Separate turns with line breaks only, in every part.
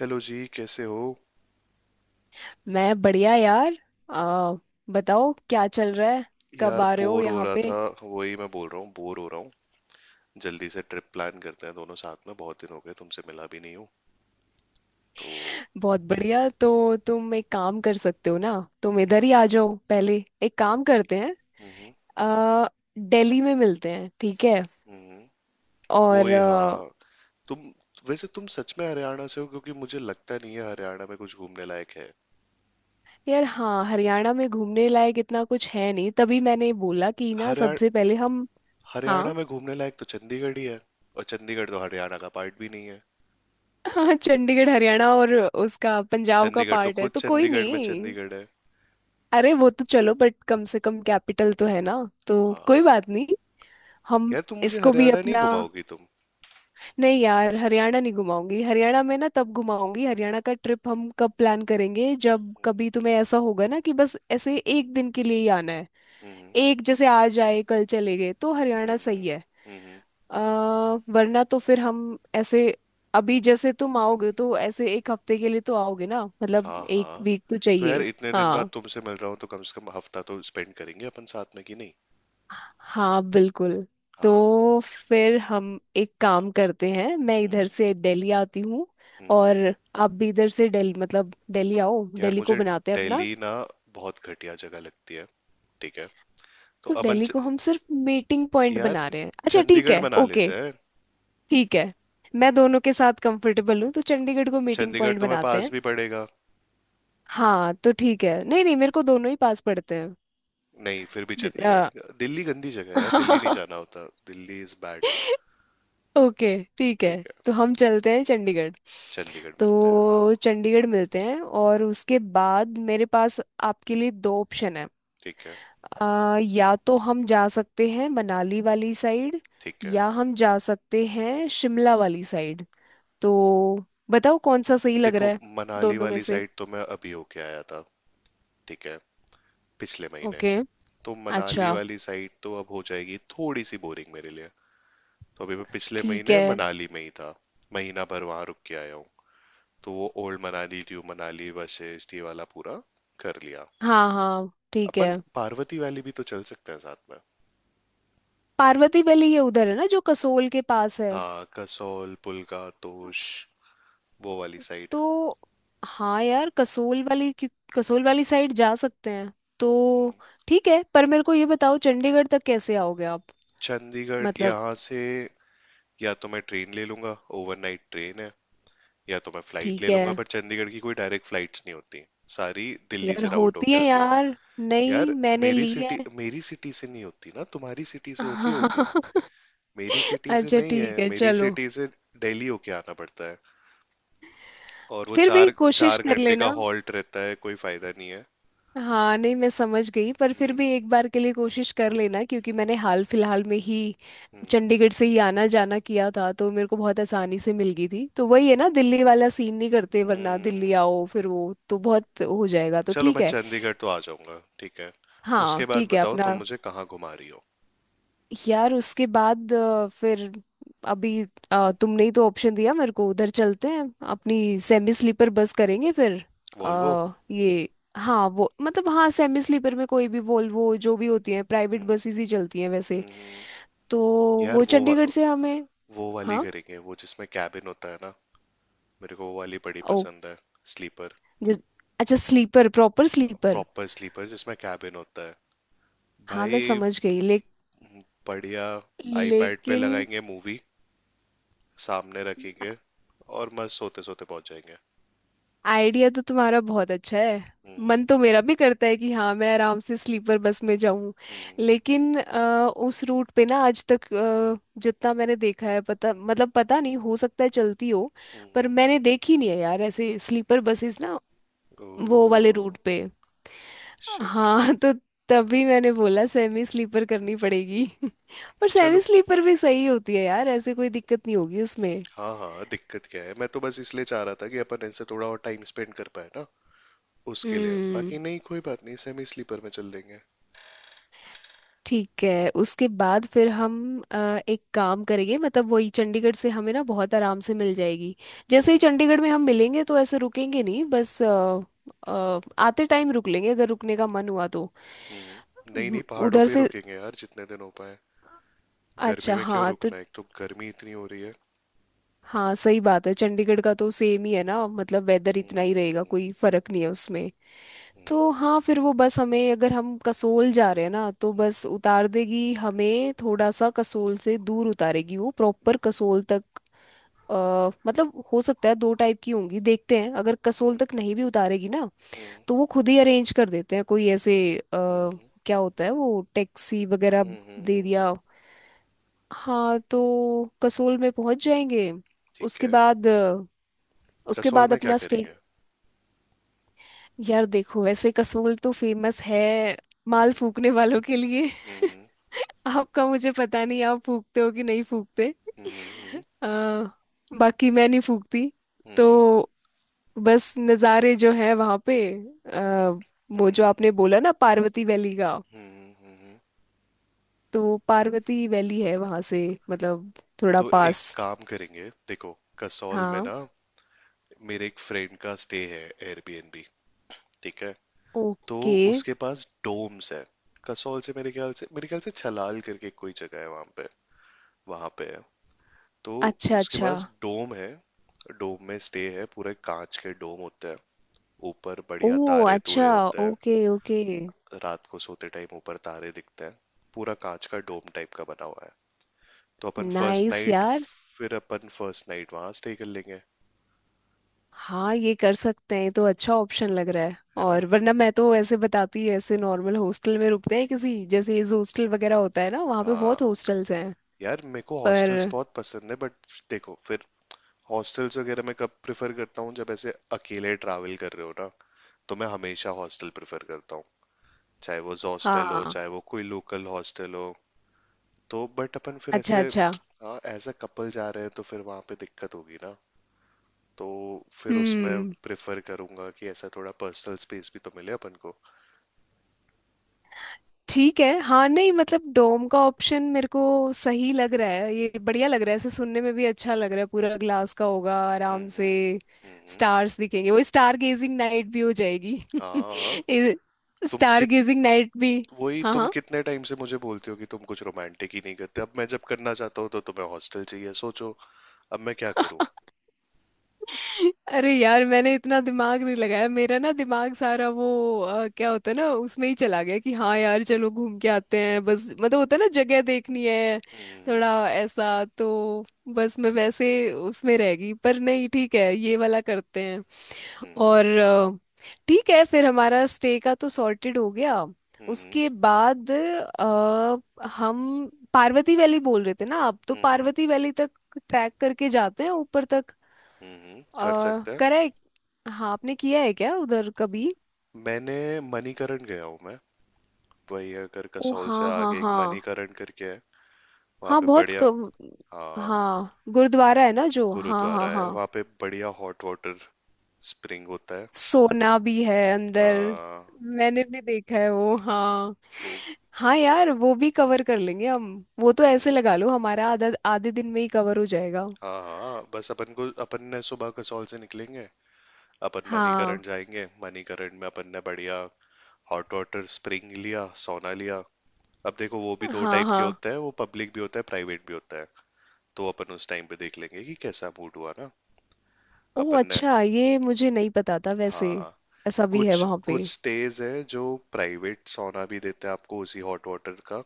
Hello जी, कैसे हो?
मैं बढ़िया यार। आ, बताओ क्या चल रहा है। कब
यार,
आ रहे हो
बोर हो
यहाँ
रहा
पे।
था। वही मैं बोल रहा हूँ, बोर हो रहा हूँ। जल्दी से ट्रिप प्लान करते हैं दोनों साथ में। बहुत दिन हो गए, तुमसे मिला भी नहीं हूँ। तो।
बहुत बढ़िया, तो तुम एक काम कर सकते हो ना, तुम
हम्म।
इधर ही आ जाओ पहले। एक काम करते हैं,
हम्म।
आ, दिल्ली में मिलते हैं, ठीक है।
हम्म।
और
वही, हाँ। तुम वैसे तुम सच में हरियाणा से हो? क्योंकि मुझे लगता नहीं है हरियाणा में कुछ घूमने लायक है।
यार हाँ, हरियाणा में घूमने लायक इतना कुछ है नहीं, तभी मैंने बोला कि ना
हरियाणा
सबसे पहले हम हाँ।
हरियाणा में घूमने लायक तो चंडीगढ़ ही है। और चंडीगढ़ तो हरियाणा का पार्ट भी नहीं है।
चंडीगढ़ हरियाणा और उसका पंजाब का
चंडीगढ़ तो
पार्ट है,
खुद
तो कोई
चंडीगढ़ में
नहीं।
चंडीगढ़ है।
अरे वो तो चलो, बट कम से कम कैपिटल तो है ना। तो
हाँ।
कोई बात नहीं। हम
यार, तुम मुझे
इसको भी
हरियाणा नहीं
अपना
घुमाओगी तुम?
नहीं यार, हरियाणा नहीं घुमाऊंगी, हरियाणा में ना तब घुमाऊंगी, हरियाणा का ट्रिप हम कब प्लान करेंगे, जब कभी तुम्हें ऐसा होगा ना कि बस ऐसे एक दिन के लिए ही आना है।
हम्म।
एक जैसे आज आए कल चले गए, तो हरियाणा
हम्म। हम्म।
सही है।
हम्म।
अ, वरना तो फिर हम ऐसे अभी जैसे तुम आओगे तो ऐसे एक हफ्ते के लिए तो आओगे ना, मतलब
हाँ,
एक
हाँ।
वीक तो
तो यार,
चाहिए।
इतने दिन बाद
हाँ
तुमसे मिल रहा हूँ तो कम से कम हफ्ता तो स्पेंड करेंगे अपन साथ में, कि नहीं?
हाँ, बिल्कुल।
हाँ।
तो फिर हम एक काम करते हैं, मैं
हम्म।
इधर से दिल्ली आती हूँ।
हम्म।
और आप भी इधर से दिल्ली, मतलब दिल्ली आओ,
यार,
दिल्ली को
मुझे
बनाते हैं
दिल्ली
अपना।
ना बहुत घटिया जगह लगती है। ठीक है। तो
तो
अपन
दिल्ली
च...
को हम सिर्फ मीटिंग पॉइंट बना
यार
रहे हैं, अच्छा ठीक
चंडीगढ़
है,
बना
ओके।
लेते हैं।
ठीक है। मैं दोनों के साथ कंफर्टेबल हूँ, तो चंडीगढ़ को मीटिंग
चंडीगढ़
पॉइंट
तुम्हें
बनाते
पास
हैं।
भी पड़ेगा।
हाँ तो ठीक है, नहीं नहीं, मेरे को दोनों ही पास पड़ते हैं।
नहीं, फिर भी चंडीगढ़।
दि-
दिल्ली गंदी जगह है
अ,
यार, दिल्ली नहीं जाना होता, दिल्ली इज बैड।
ओके, ठीक है।
ठीक है।
तो हम चलते हैं चंडीगढ़।
चंडीगढ़ मिलता है, हाँ।
तो चंडीगढ़ मिलते हैं, और उसके बाद मेरे पास आपके लिए दो ऑप्शन है।
ठीक है।
या तो हम जा सकते हैं मनाली वाली साइड,
ठीक है।
या हम जा सकते हैं शिमला वाली साइड। तो बताओ कौन सा सही लग
देखो,
रहा है,
मनाली
दोनों में
वाली
से।
साइड तो मैं अभी होके आया था। ठीक है। पिछले महीने।
ओके।
तो मनाली
अच्छा
वाली साइड तो अब हो जाएगी थोड़ी सी बोरिंग मेरे लिए। तो अभी मैं पिछले
ठीक
महीने
है।
मनाली में ही था। महीना भर वहां रुक के आया हूँ। तो वो ओल्ड मनाली, न्यू मनाली, वशिष्ठ, ये वाला पूरा कर लिया।
हाँ हाँ, ठीक है।
अपन पार्वती वैली भी तो चल सकते हैं साथ में।
पार्वती वैली ये उधर है ना जो कसोल के पास है।
हाँ, कसौल, पुलका, तोश, वो वाली साइड।
तो हाँ यार, कसोल वाली कसोल वाली साइड जा सकते हैं।
हम्म।
तो ठीक है, पर मेरे को ये बताओ चंडीगढ़ तक कैसे आओगे आप।
चंडीगढ़
मतलब
यहाँ से। या तो मैं ट्रेन ले लूंगा, ओवरनाइट ट्रेन है। या तो मैं फ्लाइट
ठीक
ले लूंगा,
है।
पर चंडीगढ़ की कोई डायरेक्ट फ्लाइट्स नहीं होती, सारी दिल्ली
यार
से राउट
होती
होके
है
आती है।
यार, नहीं
यार,
मैंने
मेरी
ली है।
सिटी मेरी सिटी से नहीं होती ना, तुम्हारी सिटी से होती होगी। मेरी सिटी से
अच्छा
नहीं
ठीक
है,
है,
मेरी
चलो।
सिटी से। दिल्ली होके आना पड़ता है। और वो
फिर भी
चार
कोशिश
चार
कर
घंटे का
लेना।
हॉल्ट रहता है, कोई फायदा नहीं है।
हाँ नहीं, मैं समझ गई पर फिर
हम्म।
भी एक बार के लिए कोशिश कर लेना, क्योंकि मैंने हाल फिलहाल में ही
हम्म।
चंडीगढ़ से ही आना जाना किया था, तो मेरे को बहुत आसानी से मिल गई थी, तो वही है ना, दिल्ली वाला सीन नहीं करते वरना दिल्ली
हम्म।
आओ फिर वो तो बहुत हो जाएगा, तो
चलो, मैं
ठीक है।
चंडीगढ़ तो आ जाऊंगा, ठीक है।
हाँ
उसके बाद
ठीक है
बताओ
अपना।
तुम मुझे कहाँ घुमा रही हो?
यार उसके बाद फिर अभी तुमने ही तो ऑप्शन दिया मेरे को, उधर चलते हैं, अपनी सेमी स्लीपर बस करेंगे फिर।
वॉल्वो।
ये हाँ वो मतलब, हाँ सेमी स्लीपर में कोई भी वोल्वो जो भी होती है, प्राइवेट
हम्म।
बसेस ही चलती हैं वैसे।
हम्म। हम्म।
तो
यार,
वो चंडीगढ़ से हमें
वो वाली
हाँ।
करेंगे, वो जिसमें कैबिन होता है ना। मेरे को वो वाली बड़ी
ओ
पसंद है। स्लीपर।
जो अच्छा sleeper, proper sleeper.
Proper sleeper जिसमें कैबिन होता है।
हाँ मैं
भाई,
समझ गई
बढ़िया। आईपैड पे
लेकिन
लगाएंगे मूवी, सामने रखेंगे। और मस्त सोते सोते पहुंच जाएंगे।
आइडिया तो तुम्हारा बहुत अच्छा है। मन
हम्म।
तो मेरा भी करता है कि हाँ मैं आराम से स्लीपर बस में जाऊं।
हम्म।
लेकिन उस रूट पे ना आज तक जितना मैंने देखा है, पता मतलब पता नहीं, हो सकता है चलती हो,
हम्म।
पर
हम्म।
मैंने देखी नहीं है यार ऐसे स्लीपर बसेस ना, वो वाले
ओह।
रूट पे।
शिट।
हाँ तो तभी मैंने बोला सेमी स्लीपर करनी पड़ेगी। पर सेमी
चलो।
स्लीपर भी सही होती है यार, ऐसे कोई दिक्कत नहीं होगी उसमें।
हाँ हाँ, दिक्कत क्या है, मैं तो बस इसलिए चाह रहा था कि अपन इनसे थोड़ा और टाइम स्पेंड कर पाए ना। उसके लिए
हम्म।
बाकी नहीं, कोई बात नहीं, सेमी स्लीपर में चल देंगे।
ठीक है, उसके बाद फिर हम अ, एक काम करेंगे, मतलब वही चंडीगढ़ से हमें ना बहुत आराम से मिल जाएगी। जैसे ही
हम्म।
चंडीगढ़ में हम मिलेंगे, तो ऐसे रुकेंगे नहीं बस, आते टाइम रुक लेंगे अगर रुकने का मन हुआ तो।
हम्म। नहीं नहीं, पहाड़ों
उधर
पे ही
से
रुकेंगे यार, जितने दिन हो पाए। गर्मी
अच्छा
में क्यों
हाँ तो
रुकना, एक तो गर्मी इतनी हो रही है।
हाँ सही बात है, चंडीगढ़ का तो सेम ही है ना, मतलब वेदर इतना ही रहेगा,
हम्म।
कोई फर्क नहीं है उसमें। तो
हम्म।
हाँ फिर वो बस हमें, अगर हम कसोल जा रहे हैं ना, तो बस उतार देगी हमें थोड़ा सा कसोल से दूर, उतारेगी वो प्रॉपर कसोल तक। मतलब हो सकता है दो टाइप की होंगी, देखते हैं, अगर कसोल
हम्म।
तक नहीं भी उतारेगी ना,
हम्म।
तो वो खुद ही अरेंज कर देते हैं, कोई ऐसे
हम्म।
क्या होता है वो, टैक्सी वगैरह
हम्म। हम्म।
दे
हम्म।
दिया। हाँ तो कसोल में पहुंच जाएंगे।
ठीक
उसके
है।
बाद उसके
कसौल
बाद
में क्या
अपना
करेंगे?
स्टेट यार देखो वैसे कसोल तो फेमस है माल
हम्म।
फूकने वालों के लिए।
हम्म।
आपका मुझे पता नहीं आप फूकते हो कि नहीं फूकते।
हम्म। हम्म।
अ, बाकी मैं नहीं फूकती।
हम्म।
तो बस नज़ारे जो है वहाँ पे, आ, वो जो
हम्म।
आपने बोला ना पार्वती वैली का,
हम्म। हम्म।
तो पार्वती वैली है वहाँ से, मतलब थोड़ा
तो एक
पास।
काम करेंगे, देखो कसौल में
हाँ।
ना, मेरे एक फ्रेंड का स्टे है, एयरबीएनबी। ठीक है। तो
ओके।
उसके पास डोम्स है। कसौल से, मेरे ख्याल से छलाल करके कोई जगह है वहां पे, वहां पे है। तो
अच्छा
उसके
अच्छा।
पास डोम है। डोम में स्टे है, पूरे कांच के डोम होते हैं। ऊपर
ओ
बढ़िया तारे तूरे
अच्छा,
होते हैं।
Okay okay.
रात को सोते टाइम ऊपर तारे दिखते हैं। पूरा कांच का डोम टाइप का बना हुआ है। तो अपन फर्स्ट
नाइस
नाइट
यार।
फिर अपन फर्स्ट नाइट वहां स्टे कर लेंगे।
हाँ ये कर सकते हैं, ये तो अच्छा ऑप्शन लग रहा है।
है ना।
और वरना मैं तो ऐसे बताती ऐसे नॉर्मल हॉस्टल में रुकते हैं किसी, जैसे ये हॉस्टल वगैरह होता है ना, वहाँ पे
हाँ।
बहुत हॉस्टल्स हैं।
यार, मेरे को हॉस्टल्स
पर
बहुत पसंद है, बट देखो, फिर हॉस्टल्स वगैरह मैं कब प्रेफर करता हूँ, जब ऐसे अकेले ट्रैवल कर रहे हो ना, तो मैं हमेशा हॉस्टल प्रेफर करता हूँ। चाहे वो हॉस्टल हो,
हाँ।
चाहे वो कोई लोकल हॉस्टल हो। तो बट अपन फिर
अच्छा
ऐसे,
अच्छा।
हाँ, एज अ कपल जा रहे हैं, तो फिर वहां पे दिक्कत होगी ना। तो फिर उसमें
हम्म,
प्रेफर करूंगा कि ऐसा थोड़ा पर्सनल स्पेस भी तो मिले अपन को।
ठीक है, हाँ नहीं मतलब डोम का ऑप्शन मेरे को सही लग रहा है, ये बढ़िया लग रहा है, ऐसे सुनने में भी अच्छा लग रहा है, पूरा ग्लास का होगा आराम
हम्म।
से,
हम्म। हम्म।
स्टार्स दिखेंगे, वो स्टार गेजिंग नाइट भी हो जाएगी।
हाँ। तुम
स्टार
कित
गेजिंग नाइट भी।
वही,
हाँ
तुम
हाँ।
कितने टाइम से मुझे बोलती हो कि तुम कुछ रोमांटिक ही नहीं करते, अब मैं जब करना चाहता हूँ तो तुम्हें हॉस्टल चाहिए, सोचो। अब मैं क्या करूँ?
अरे यार, मैंने इतना दिमाग नहीं लगाया, मेरा ना दिमाग सारा वो क्या होता है ना उसमें ही चला गया कि हाँ यार चलो घूम के आते हैं बस, मतलब होता है ना जगह देखनी है,
हम्म।
थोड़ा ऐसा तो बस मैं वैसे उसमें रह गई, पर नहीं ठीक है ये वाला करते हैं।
हम्म।
और ठीक है फिर हमारा स्टे का तो सॉर्टेड हो गया।
हम्म।
उसके बाद हम पार्वती वैली बोल रहे थे ना आप, तो
हम्म।
पार्वती वैली तक ट्रैक करके जाते हैं ऊपर तक।
हम्म। कर
और
सकते हैं।
करा है हाँ आपने किया है क्या उधर कभी।
मैंने मणिकरण गया हूँ मैं। वही, अगर
ओ
कसौल से
हाँ हाँ
आगे एक
हाँ।
मणिकरण करके है, वहाँ
हाँ
पे
बहुत
बढ़िया।
कम।
हाँ।
हाँ गुरुद्वारा है ना जो, हाँ
गुरुद्वारा
हाँ
है
हाँ।
वहाँ पे, बढ़िया हॉट वाटर स्प्रिंग होता है।
सोना भी है अंदर।
हाँ।
मैंने भी देखा है वो, हाँ।
वो
हाँ यार वो भी कवर कर लेंगे हम, वो तो
हम्म।
ऐसे लगा लो हमारा आधा आधे दिन में ही कवर हो जाएगा।
हाँ हाँ, बस अपन को, अपन ने सुबह कसौल से निकलेंगे। अपन
हाँ
मणिकरण जाएंगे, मणिकरण में अपन ने बढ़िया हॉट वाटर स्प्रिंग लिया, सोना लिया। अब देखो, वो भी दो
हाँ
टाइप के
हाँ।
होते हैं, वो पब्लिक भी होता है, प्राइवेट भी होता है। तो अपन उस टाइम पे देख लेंगे कि कैसा मूड हुआ ना।
ओ
अपन ने
अच्छा, ये मुझे नहीं पता था वैसे।
हाँ,
ऐसा भी है
कुछ
वहाँ पे।
कुछ स्टेज है जो प्राइवेट सोना भी देते हैं आपको उसी हॉट वाटर का।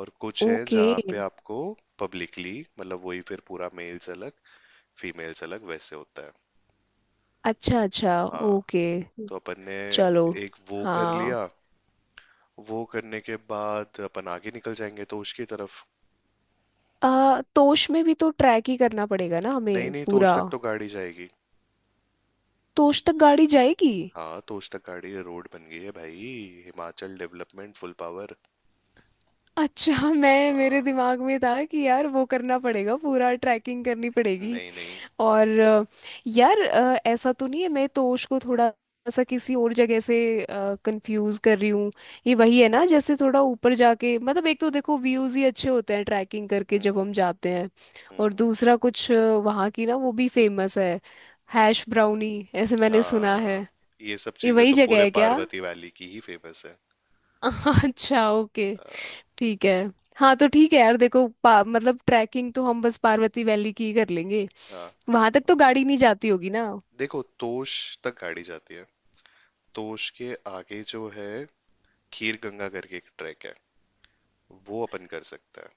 और कुछ है
ओके।
जहाँ पे आपको पब्लिकली, मतलब वही, फिर पूरा मेल्स अलग, फीमेल्स अलग, वैसे होता है।
अच्छा अच्छा।
हाँ।
ओके।
तो अपन ने
चलो।
एक वो कर
हाँ।
लिया। वो करने के बाद अपन आगे निकल जाएंगे तोश की तरफ।
तोश में भी तो ट्रैक ही करना पड़ेगा ना
नहीं
हमें
नहीं, तोश
पूरा।
तक तो गाड़ी जाएगी।
तोश तक गाड़ी जाएगी।
हाँ, तोश तक गाड़ी, रोड बन गई है भाई। Himachal development full power.
अच्छा मैं मेरे
हाँ।
दिमाग में था कि यार वो करना पड़ेगा, पूरा ट्रैकिंग करनी पड़ेगी।
नहीं नहीं।
और यार ऐसा तो नहीं है मैं तोश को थोड़ा सा किसी और जगह से कंफ्यूज कर रही हूँ। ये वही है ना जैसे थोड़ा ऊपर जाके, मतलब एक तो देखो व्यूज ही अच्छे होते हैं ट्रैकिंग करके जब
हम्म।
हम जाते हैं, और
हम्म।
दूसरा कुछ वहाँ की ना वो भी फेमस है, हैश ब्राउनी ऐसे मैंने सुना है।
हाँ, ये सब
ये
चीजें
वही
तो
जगह
पूरे
है क्या।
पार्वती वैली की ही फेमस है।
अच्छा ओके,
हाँ,
ठीक है। हाँ तो ठीक है यार देखो मतलब ट्रैकिंग तो हम बस पार्वती वैली की ही कर लेंगे।
हाँ,
वहां तक तो गाड़ी नहीं जाती होगी ना।
देखो, तोश तक गाड़ी जाती है। तोश के आगे जो है, खीर गंगा करके एक ट्रैक है, वो अपन कर सकते।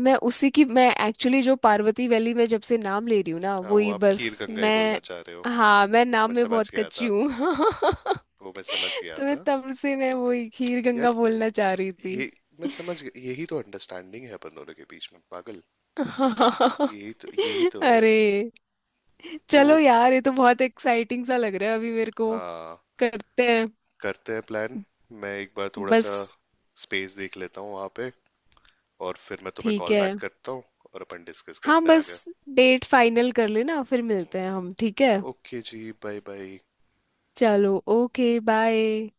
मैं उसी की मैं एक्चुअली जो पार्वती वैली में जब से नाम ले रही हूँ ना
हाँ, वो
वही
आप खीर
बस
गंगा ही बोलना
मैं
चाह रहे हो।
हाँ मैं
वो
नाम
मैं
में
समझ
बहुत
गया
कच्ची
था।
हूँ।
वो मैं समझ गया
तो मैं
था।
तब से मैं वही खीर गंगा
यार,
बोलना चाह रही थी।
ये मैं समझ गया, यही तो अंडरस्टैंडिंग है अपन दोनों के बीच में, पागल। यही तो, यही तो है।
अरे
तो
चलो यार ये तो बहुत एक्साइटिंग सा लग रहा है अभी मेरे को।
हाँ,
करते हैं
करते हैं प्लान। मैं एक बार थोड़ा सा
बस।
स्पेस देख लेता हूँ वहाँ पे, और फिर मैं तुम्हें
ठीक
कॉल
है,
बैक करता हूँ, और अपन डिस्कस
हाँ
करते हैं
बस
आगे।
डेट फाइनल कर लेना, फिर मिलते हैं हम, ठीक है।
ओके जी, बाय बाय।
चलो ओके बाय।